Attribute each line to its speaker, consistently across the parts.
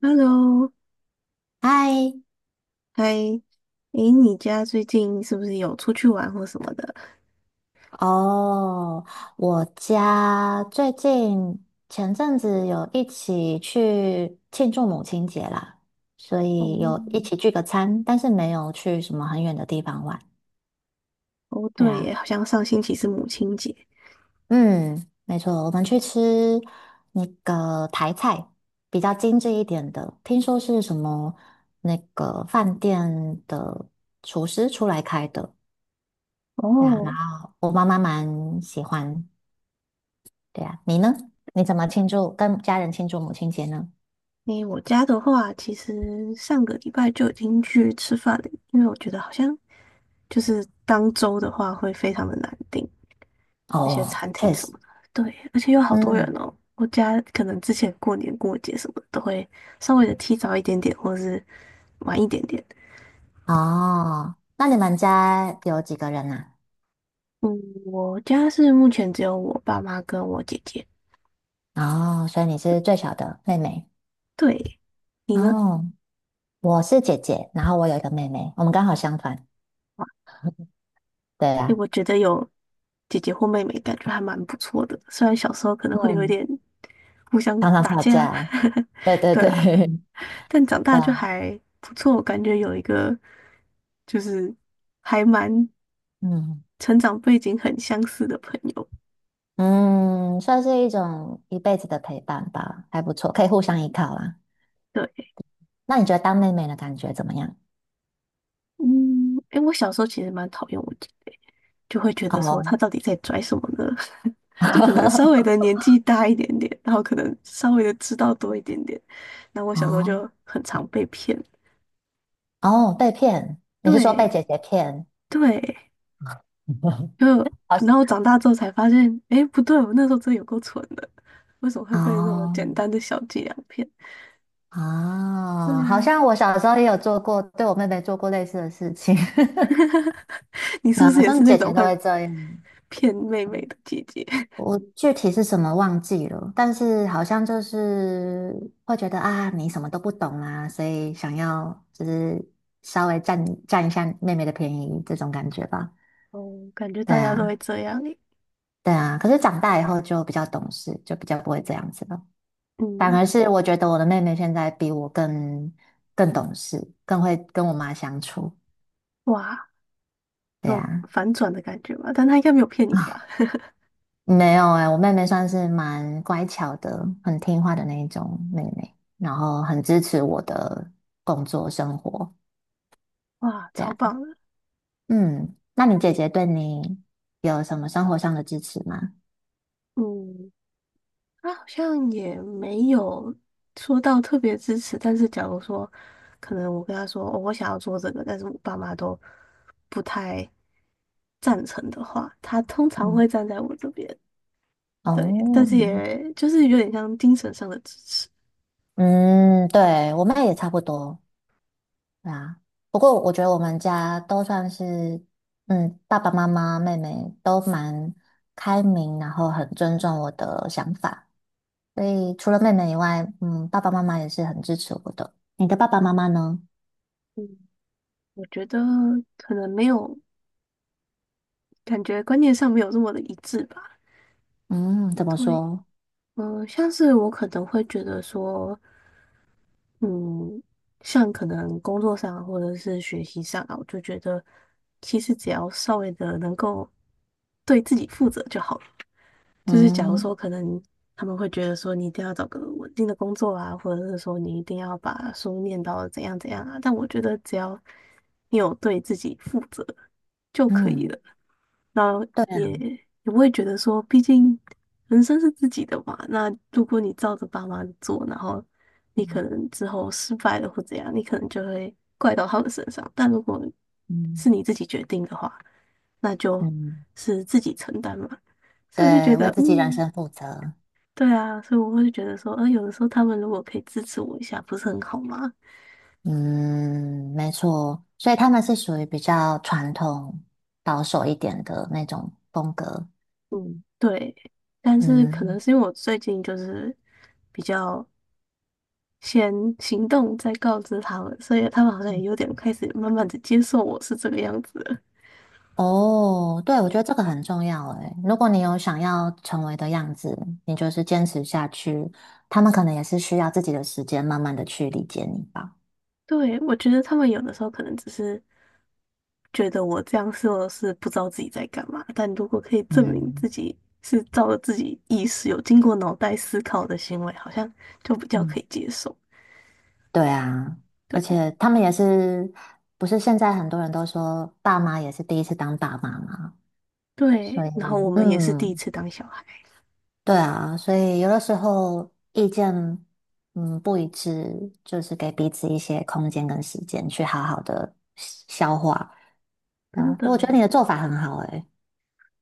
Speaker 1: Hello，
Speaker 2: 嗨，
Speaker 1: 嗨，诶，你家最近是不是有出去玩或什么的？
Speaker 2: 哦，我家最近前阵子有一起去庆祝母亲节啦，所
Speaker 1: 哦，
Speaker 2: 以有一起聚个餐，但是没有去什么很远的地方玩。
Speaker 1: 哦，
Speaker 2: 对
Speaker 1: 对
Speaker 2: 啊，
Speaker 1: 耶，好像上星期是母亲节。
Speaker 2: 嗯，没错，我们去吃那个台菜，比较精致一点的，听说是什么那个饭店的厨师出来开的，对啊，然
Speaker 1: 哦，
Speaker 2: 后我妈妈蛮喜欢，对啊，你呢？你怎么庆祝？跟家人庆祝母亲节呢？
Speaker 1: 诶，我家的话，其实上个礼拜就已经去吃饭了，因为我觉得好像就是当周的话会非常的难订那些
Speaker 2: 哦，
Speaker 1: 餐
Speaker 2: 确
Speaker 1: 厅什
Speaker 2: 实，
Speaker 1: 么的。对，而且有好多人
Speaker 2: 嗯，
Speaker 1: 哦。我家可能之前过年过节什么的都会稍微的提早一点点，或者是晚一点点。
Speaker 2: 哦，那你们家有几个人啊？
Speaker 1: 嗯，我家是目前只有我爸妈跟我姐姐。
Speaker 2: 哦，所以你是最小的妹妹。
Speaker 1: 对，你呢？
Speaker 2: 哦，我是姐姐，然后我有一个妹妹，我们刚好相反。
Speaker 1: 哇，
Speaker 2: 对
Speaker 1: 诶，
Speaker 2: 啊，
Speaker 1: 我觉得有姐姐或妹妹，感觉还蛮不错的。虽然小时候可能会有一
Speaker 2: 嗯，
Speaker 1: 点互相
Speaker 2: 常常
Speaker 1: 打
Speaker 2: 吵
Speaker 1: 架，
Speaker 2: 架。对 对
Speaker 1: 对
Speaker 2: 对，
Speaker 1: 啊，但长
Speaker 2: 对
Speaker 1: 大就
Speaker 2: 啊，
Speaker 1: 还不错。感觉有一个就是还蛮
Speaker 2: 嗯
Speaker 1: 成长背景很相似的朋友。
Speaker 2: 嗯，算是一种一辈子的陪伴吧，还不错，可以互相依靠啦。
Speaker 1: 对，
Speaker 2: 那你觉得当妹妹的感觉怎么样？
Speaker 1: 嗯，诶，我小时候其实蛮讨厌我姐姐，就会觉得说
Speaker 2: 哦，
Speaker 1: 她到底在拽什么呢？就可能稍微的 年纪大一点点，然后可能稍微的知道多一点点。然后我小时候
Speaker 2: 哦，
Speaker 1: 就很常被骗，
Speaker 2: 哦，被骗，你是说被
Speaker 1: 对
Speaker 2: 姐姐骗
Speaker 1: 对，就
Speaker 2: 好
Speaker 1: 然后长大之后才发现，哎，不对，我那时候真的有够蠢的，为什么会被这种
Speaker 2: 哦
Speaker 1: 简单的小伎俩骗？对
Speaker 2: 啊，好
Speaker 1: 啊，
Speaker 2: 像我小时候也有做过，对我妹妹做过类似的事情，
Speaker 1: 你 是不
Speaker 2: 啊，
Speaker 1: 是
Speaker 2: 好
Speaker 1: 也
Speaker 2: 像
Speaker 1: 是那
Speaker 2: 姐
Speaker 1: 种
Speaker 2: 姐都
Speaker 1: 会
Speaker 2: 会这样。
Speaker 1: 骗妹妹的姐姐？
Speaker 2: 我具体是什么忘记了，但是好像就是会觉得啊，你什么都不懂啊，所以想要就是稍微占占一下妹妹的便宜这种感觉吧。
Speaker 1: 哦，感觉
Speaker 2: 对
Speaker 1: 大家都会
Speaker 2: 啊，
Speaker 1: 这样诶
Speaker 2: 对啊。可是长大以后就比较懂事，就比较不会这样子了。反
Speaker 1: 嗯，
Speaker 2: 而是我觉得我的妹妹现在比我更懂事，更会跟我妈相处。
Speaker 1: 哇，
Speaker 2: 对
Speaker 1: 那种
Speaker 2: 呀，
Speaker 1: 反转的感觉吧，但他应该没有骗
Speaker 2: 啊
Speaker 1: 你 吧？
Speaker 2: 没有哎、我妹妹算是蛮乖巧的，很听话的那一种妹妹，然后很支持我的工作生活。
Speaker 1: 哇，
Speaker 2: 对
Speaker 1: 超
Speaker 2: 啊，
Speaker 1: 棒的，
Speaker 2: 嗯，那你姐姐对你有什么生活上的支持吗？
Speaker 1: 嗯。他好像也没有说到特别支持，但是假如说，可能我跟他说，哦我想要做这个，但是我爸妈都不太赞成的话，他通常会
Speaker 2: 嗯，
Speaker 1: 站在我这边，对，但
Speaker 2: 哦，
Speaker 1: 是也就是有点像精神上的支持。
Speaker 2: 嗯，对，我妹也差不多。对啊，不过我觉得我们家都算是，嗯，爸爸妈妈、妹妹都蛮开明，然后很尊重我的想法，所以除了妹妹以外，嗯，爸爸妈妈也是很支持我的。你的爸爸妈妈呢？
Speaker 1: 嗯，我觉得可能没有，感觉观念上没有这么的一致吧。
Speaker 2: 嗯，怎么
Speaker 1: 对，
Speaker 2: 说？
Speaker 1: 嗯，像是我可能会觉得说。嗯，像可能工作上或者是学习上啊，我就觉得其实只要稍微的能够对自己负责就好了。就是假如
Speaker 2: 嗯
Speaker 1: 说可能他们会觉得说你一定要找个稳定的工作啊，或者是说你一定要把书念到怎样怎样啊，但我觉得只要你有对自己负责，就可以
Speaker 2: 嗯，
Speaker 1: 了。然后
Speaker 2: 对
Speaker 1: 也
Speaker 2: 啊，
Speaker 1: 也不会觉得说，毕竟人生是自己的嘛。那如果你照着爸妈的做，然后你可能之后失败了或怎样，你可能就会怪到他们身上。但如果
Speaker 2: 嗯
Speaker 1: 是你自己决定的话，那就
Speaker 2: 嗯，
Speaker 1: 是自己承担嘛。所以我就觉
Speaker 2: 对，为
Speaker 1: 得，
Speaker 2: 自己人
Speaker 1: 嗯，
Speaker 2: 生负责。
Speaker 1: 对啊，所以我会觉得说，有的时候他们如果可以支持我一下，不是很好吗？
Speaker 2: 嗯，没错，所以他们是属于比较传统、保守一点的那种风格。
Speaker 1: 嗯对，但是可能
Speaker 2: 嗯。
Speaker 1: 是因为我最近就是。比较。先行动再告知他们，所以他们好像也有点开始慢慢的接受我是这个样子了。
Speaker 2: 哦，对，我觉得这个很重要诶。如果你有想要成为的样子，你就是坚持下去，他们可能也是需要自己的时间，慢慢的去理解你吧。
Speaker 1: 对，我觉得他们有的时候可能只是觉得我这样说是不知道自己在干嘛，但如果可以证明自
Speaker 2: 嗯
Speaker 1: 己是照着自己意识有经过脑袋思考的行为，好像就比较可
Speaker 2: 嗯，
Speaker 1: 以接受。
Speaker 2: 对啊，而
Speaker 1: 对
Speaker 2: 且他们也是，不是现在很多人都说爸妈也是第一次当爸妈嘛，所
Speaker 1: 对，
Speaker 2: 以
Speaker 1: 然后我们也是第一
Speaker 2: 嗯，
Speaker 1: 次当小孩，
Speaker 2: 对啊，所以有的时候意见不一致，就是给彼此一些空间跟时间去好好的消化
Speaker 1: 真
Speaker 2: 啊。我觉得你
Speaker 1: 的。
Speaker 2: 的做法很好诶、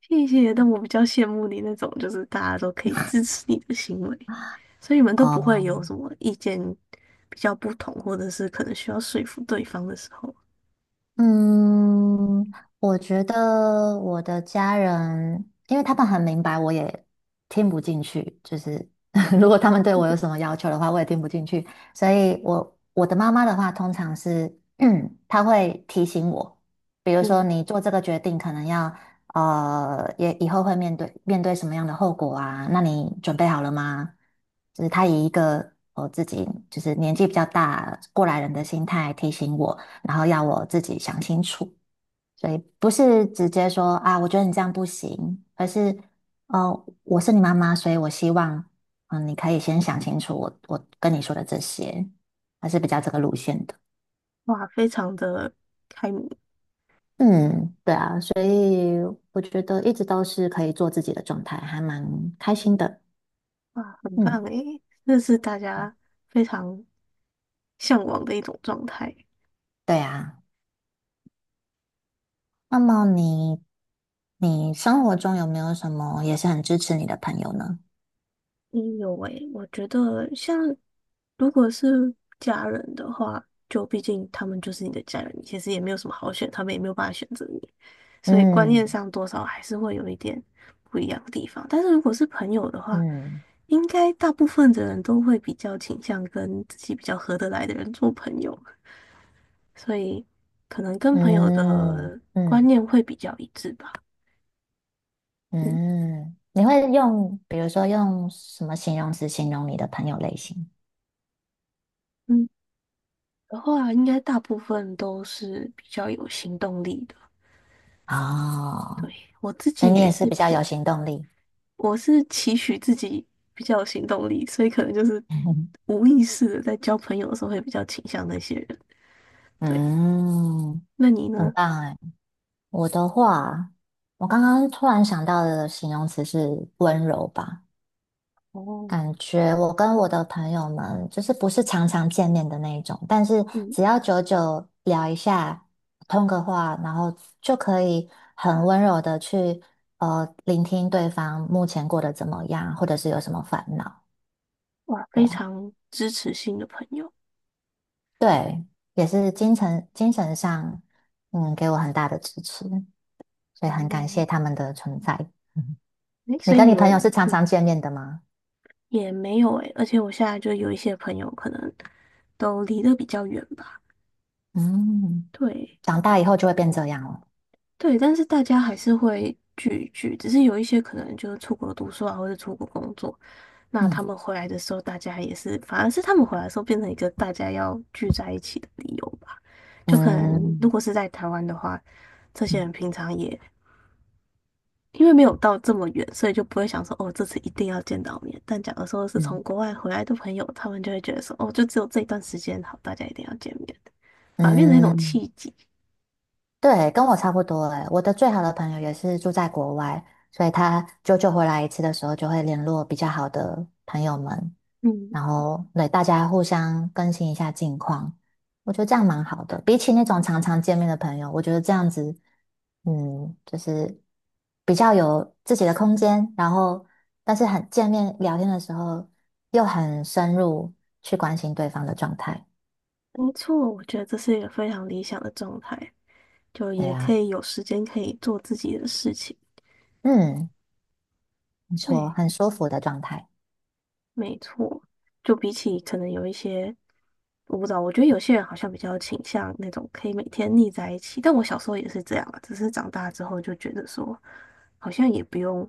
Speaker 1: 谢谢，但我比较羡慕你那种，就是大家都可以支持你的行为，所以你们都不会有
Speaker 2: 哦，
Speaker 1: 什么意见比较不同，或者是可能需要说服对方的时候。
Speaker 2: 嗯，我觉得我的家人，因为他们很明白，我也听不进去。就是 如果他们对我有什么要求的话，我也听不进去。所以我的妈妈的话，通常是，她会提醒我，比如说
Speaker 1: 嗯，
Speaker 2: 你做这个决定，可能要也以后会面对什么样的后果啊？那你准备好了吗？就是她以一个我自己就是年纪比较大过来人的心态提醒我。然后要我自己想清楚，所以不是直接说啊，我觉得你这样不行，而是我是你妈妈，所以我希望你可以先想清楚我跟你说的这些，还是比较这个路线的。
Speaker 1: 哇，非常的开明，
Speaker 2: 嗯，对啊，所以我觉得一直都是可以做自己的状态，还蛮开心的。
Speaker 1: 哇，很棒
Speaker 2: 嗯，
Speaker 1: 诶，这是大家非常向往的一种状态。
Speaker 2: 对啊。那么你生活中有没有什么也是很支持你的朋友呢？
Speaker 1: 嗯，有诶，我觉得像如果是家人的话，就毕竟他们就是你的家人，你其实也没有什么好选，他们也没有办法选择你，所以观念
Speaker 2: 嗯
Speaker 1: 上多少还是会有一点不一样的地方。但是如果是朋友的话，
Speaker 2: 嗯
Speaker 1: 应该大部分的人都会比较倾向跟自己比较合得来的人做朋友，所以可能跟朋友
Speaker 2: 嗯
Speaker 1: 的观
Speaker 2: 嗯。
Speaker 1: 念会比较一致吧。嗯
Speaker 2: 嗯，你会用，比如说用什么形容词形容你的朋友类型？
Speaker 1: 嗯，的话应该大部分都是比较有行动力的。对，
Speaker 2: 哦，
Speaker 1: 我自己
Speaker 2: 所以你
Speaker 1: 也
Speaker 2: 也是
Speaker 1: 是
Speaker 2: 比较
Speaker 1: 偏，
Speaker 2: 有行动力。
Speaker 1: 我是期许自己比较有行动力，所以可能就是 无意识的在交朋友的时候会比较倾向那些人。对，
Speaker 2: 嗯，
Speaker 1: 那你
Speaker 2: 很
Speaker 1: 呢？
Speaker 2: 棒哎。我的话，我刚刚突然想到的形容词是温柔吧。
Speaker 1: 哦
Speaker 2: 感觉我跟我的朋友们就是不是常常见面的那一种，但是
Speaker 1: 嗯，
Speaker 2: 只要久久聊一下，通个话，然后就可以很温柔的去聆听对方目前过得怎么样，或者是有什么烦恼。
Speaker 1: 哇，
Speaker 2: 对
Speaker 1: 非
Speaker 2: 啊，
Speaker 1: 常支持性的朋友。
Speaker 2: 对，也是精神上嗯给我很大的支持，所以很感
Speaker 1: 哦，
Speaker 2: 谢他们的存在。嗯
Speaker 1: 诶，
Speaker 2: 你
Speaker 1: 所以
Speaker 2: 跟
Speaker 1: 你
Speaker 2: 你朋友
Speaker 1: 们
Speaker 2: 是常
Speaker 1: 嗯
Speaker 2: 常见面的吗？
Speaker 1: 也没有诶，而且我现在就有一些朋友可能都离得比较远吧。
Speaker 2: 嗯，
Speaker 1: 对，
Speaker 2: 长大以后就会变这样了。
Speaker 1: 对，但是大家还是会聚一聚，只是有一些可能就是出国读书啊，或者出国工作，那他
Speaker 2: 嗯
Speaker 1: 们回来的时候，大家也是，反而是他们回来的时候变成一个大家要聚在一起的理由吧。就可能如
Speaker 2: 嗯。
Speaker 1: 果是在台湾的话，这些人平常也因为没有到这么远，所以就不会想说哦，这次一定要见到面。但假如说是从
Speaker 2: 嗯
Speaker 1: 国外回来的朋友，他们就会觉得说哦，就只有这一段时间好，大家一定要见面，的，反而变成一种
Speaker 2: 嗯，
Speaker 1: 契机。
Speaker 2: 对，跟我差不多诶。我的最好的朋友也是住在国外，所以他久久回来一次的时候，就会联络比较好的朋友们，
Speaker 1: 嗯。
Speaker 2: 然后对大家互相更新一下近况。我觉得这样蛮好的，比起那种常常见面的朋友，我觉得这样子，嗯，就是比较有自己的空间，然后但是很见面聊天的时候又很深入去关心对方的状态。
Speaker 1: 没错，我觉得这是一个非常理想的状态，就
Speaker 2: 对
Speaker 1: 也可
Speaker 2: 啊，
Speaker 1: 以有时间可以做自己的事情。
Speaker 2: 嗯。没错，
Speaker 1: 对，
Speaker 2: 很舒服的状态。
Speaker 1: 没错，就比起可能有一些，我不知道，我觉得有些人好像比较倾向那种可以每天腻在一起，但我小时候也是这样啊，只是长大之后就觉得说，好像也不用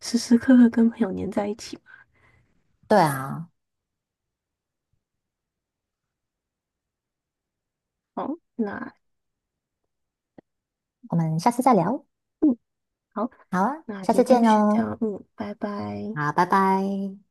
Speaker 1: 时时刻刻跟朋友黏在一起嘛。
Speaker 2: 对啊，
Speaker 1: 好，那
Speaker 2: 我们下次再聊。
Speaker 1: 嗯，好，
Speaker 2: 好啊，
Speaker 1: 那
Speaker 2: 下
Speaker 1: 今
Speaker 2: 次
Speaker 1: 天
Speaker 2: 见
Speaker 1: 就先这
Speaker 2: 喽。
Speaker 1: 样，嗯，拜拜。
Speaker 2: 好，拜拜。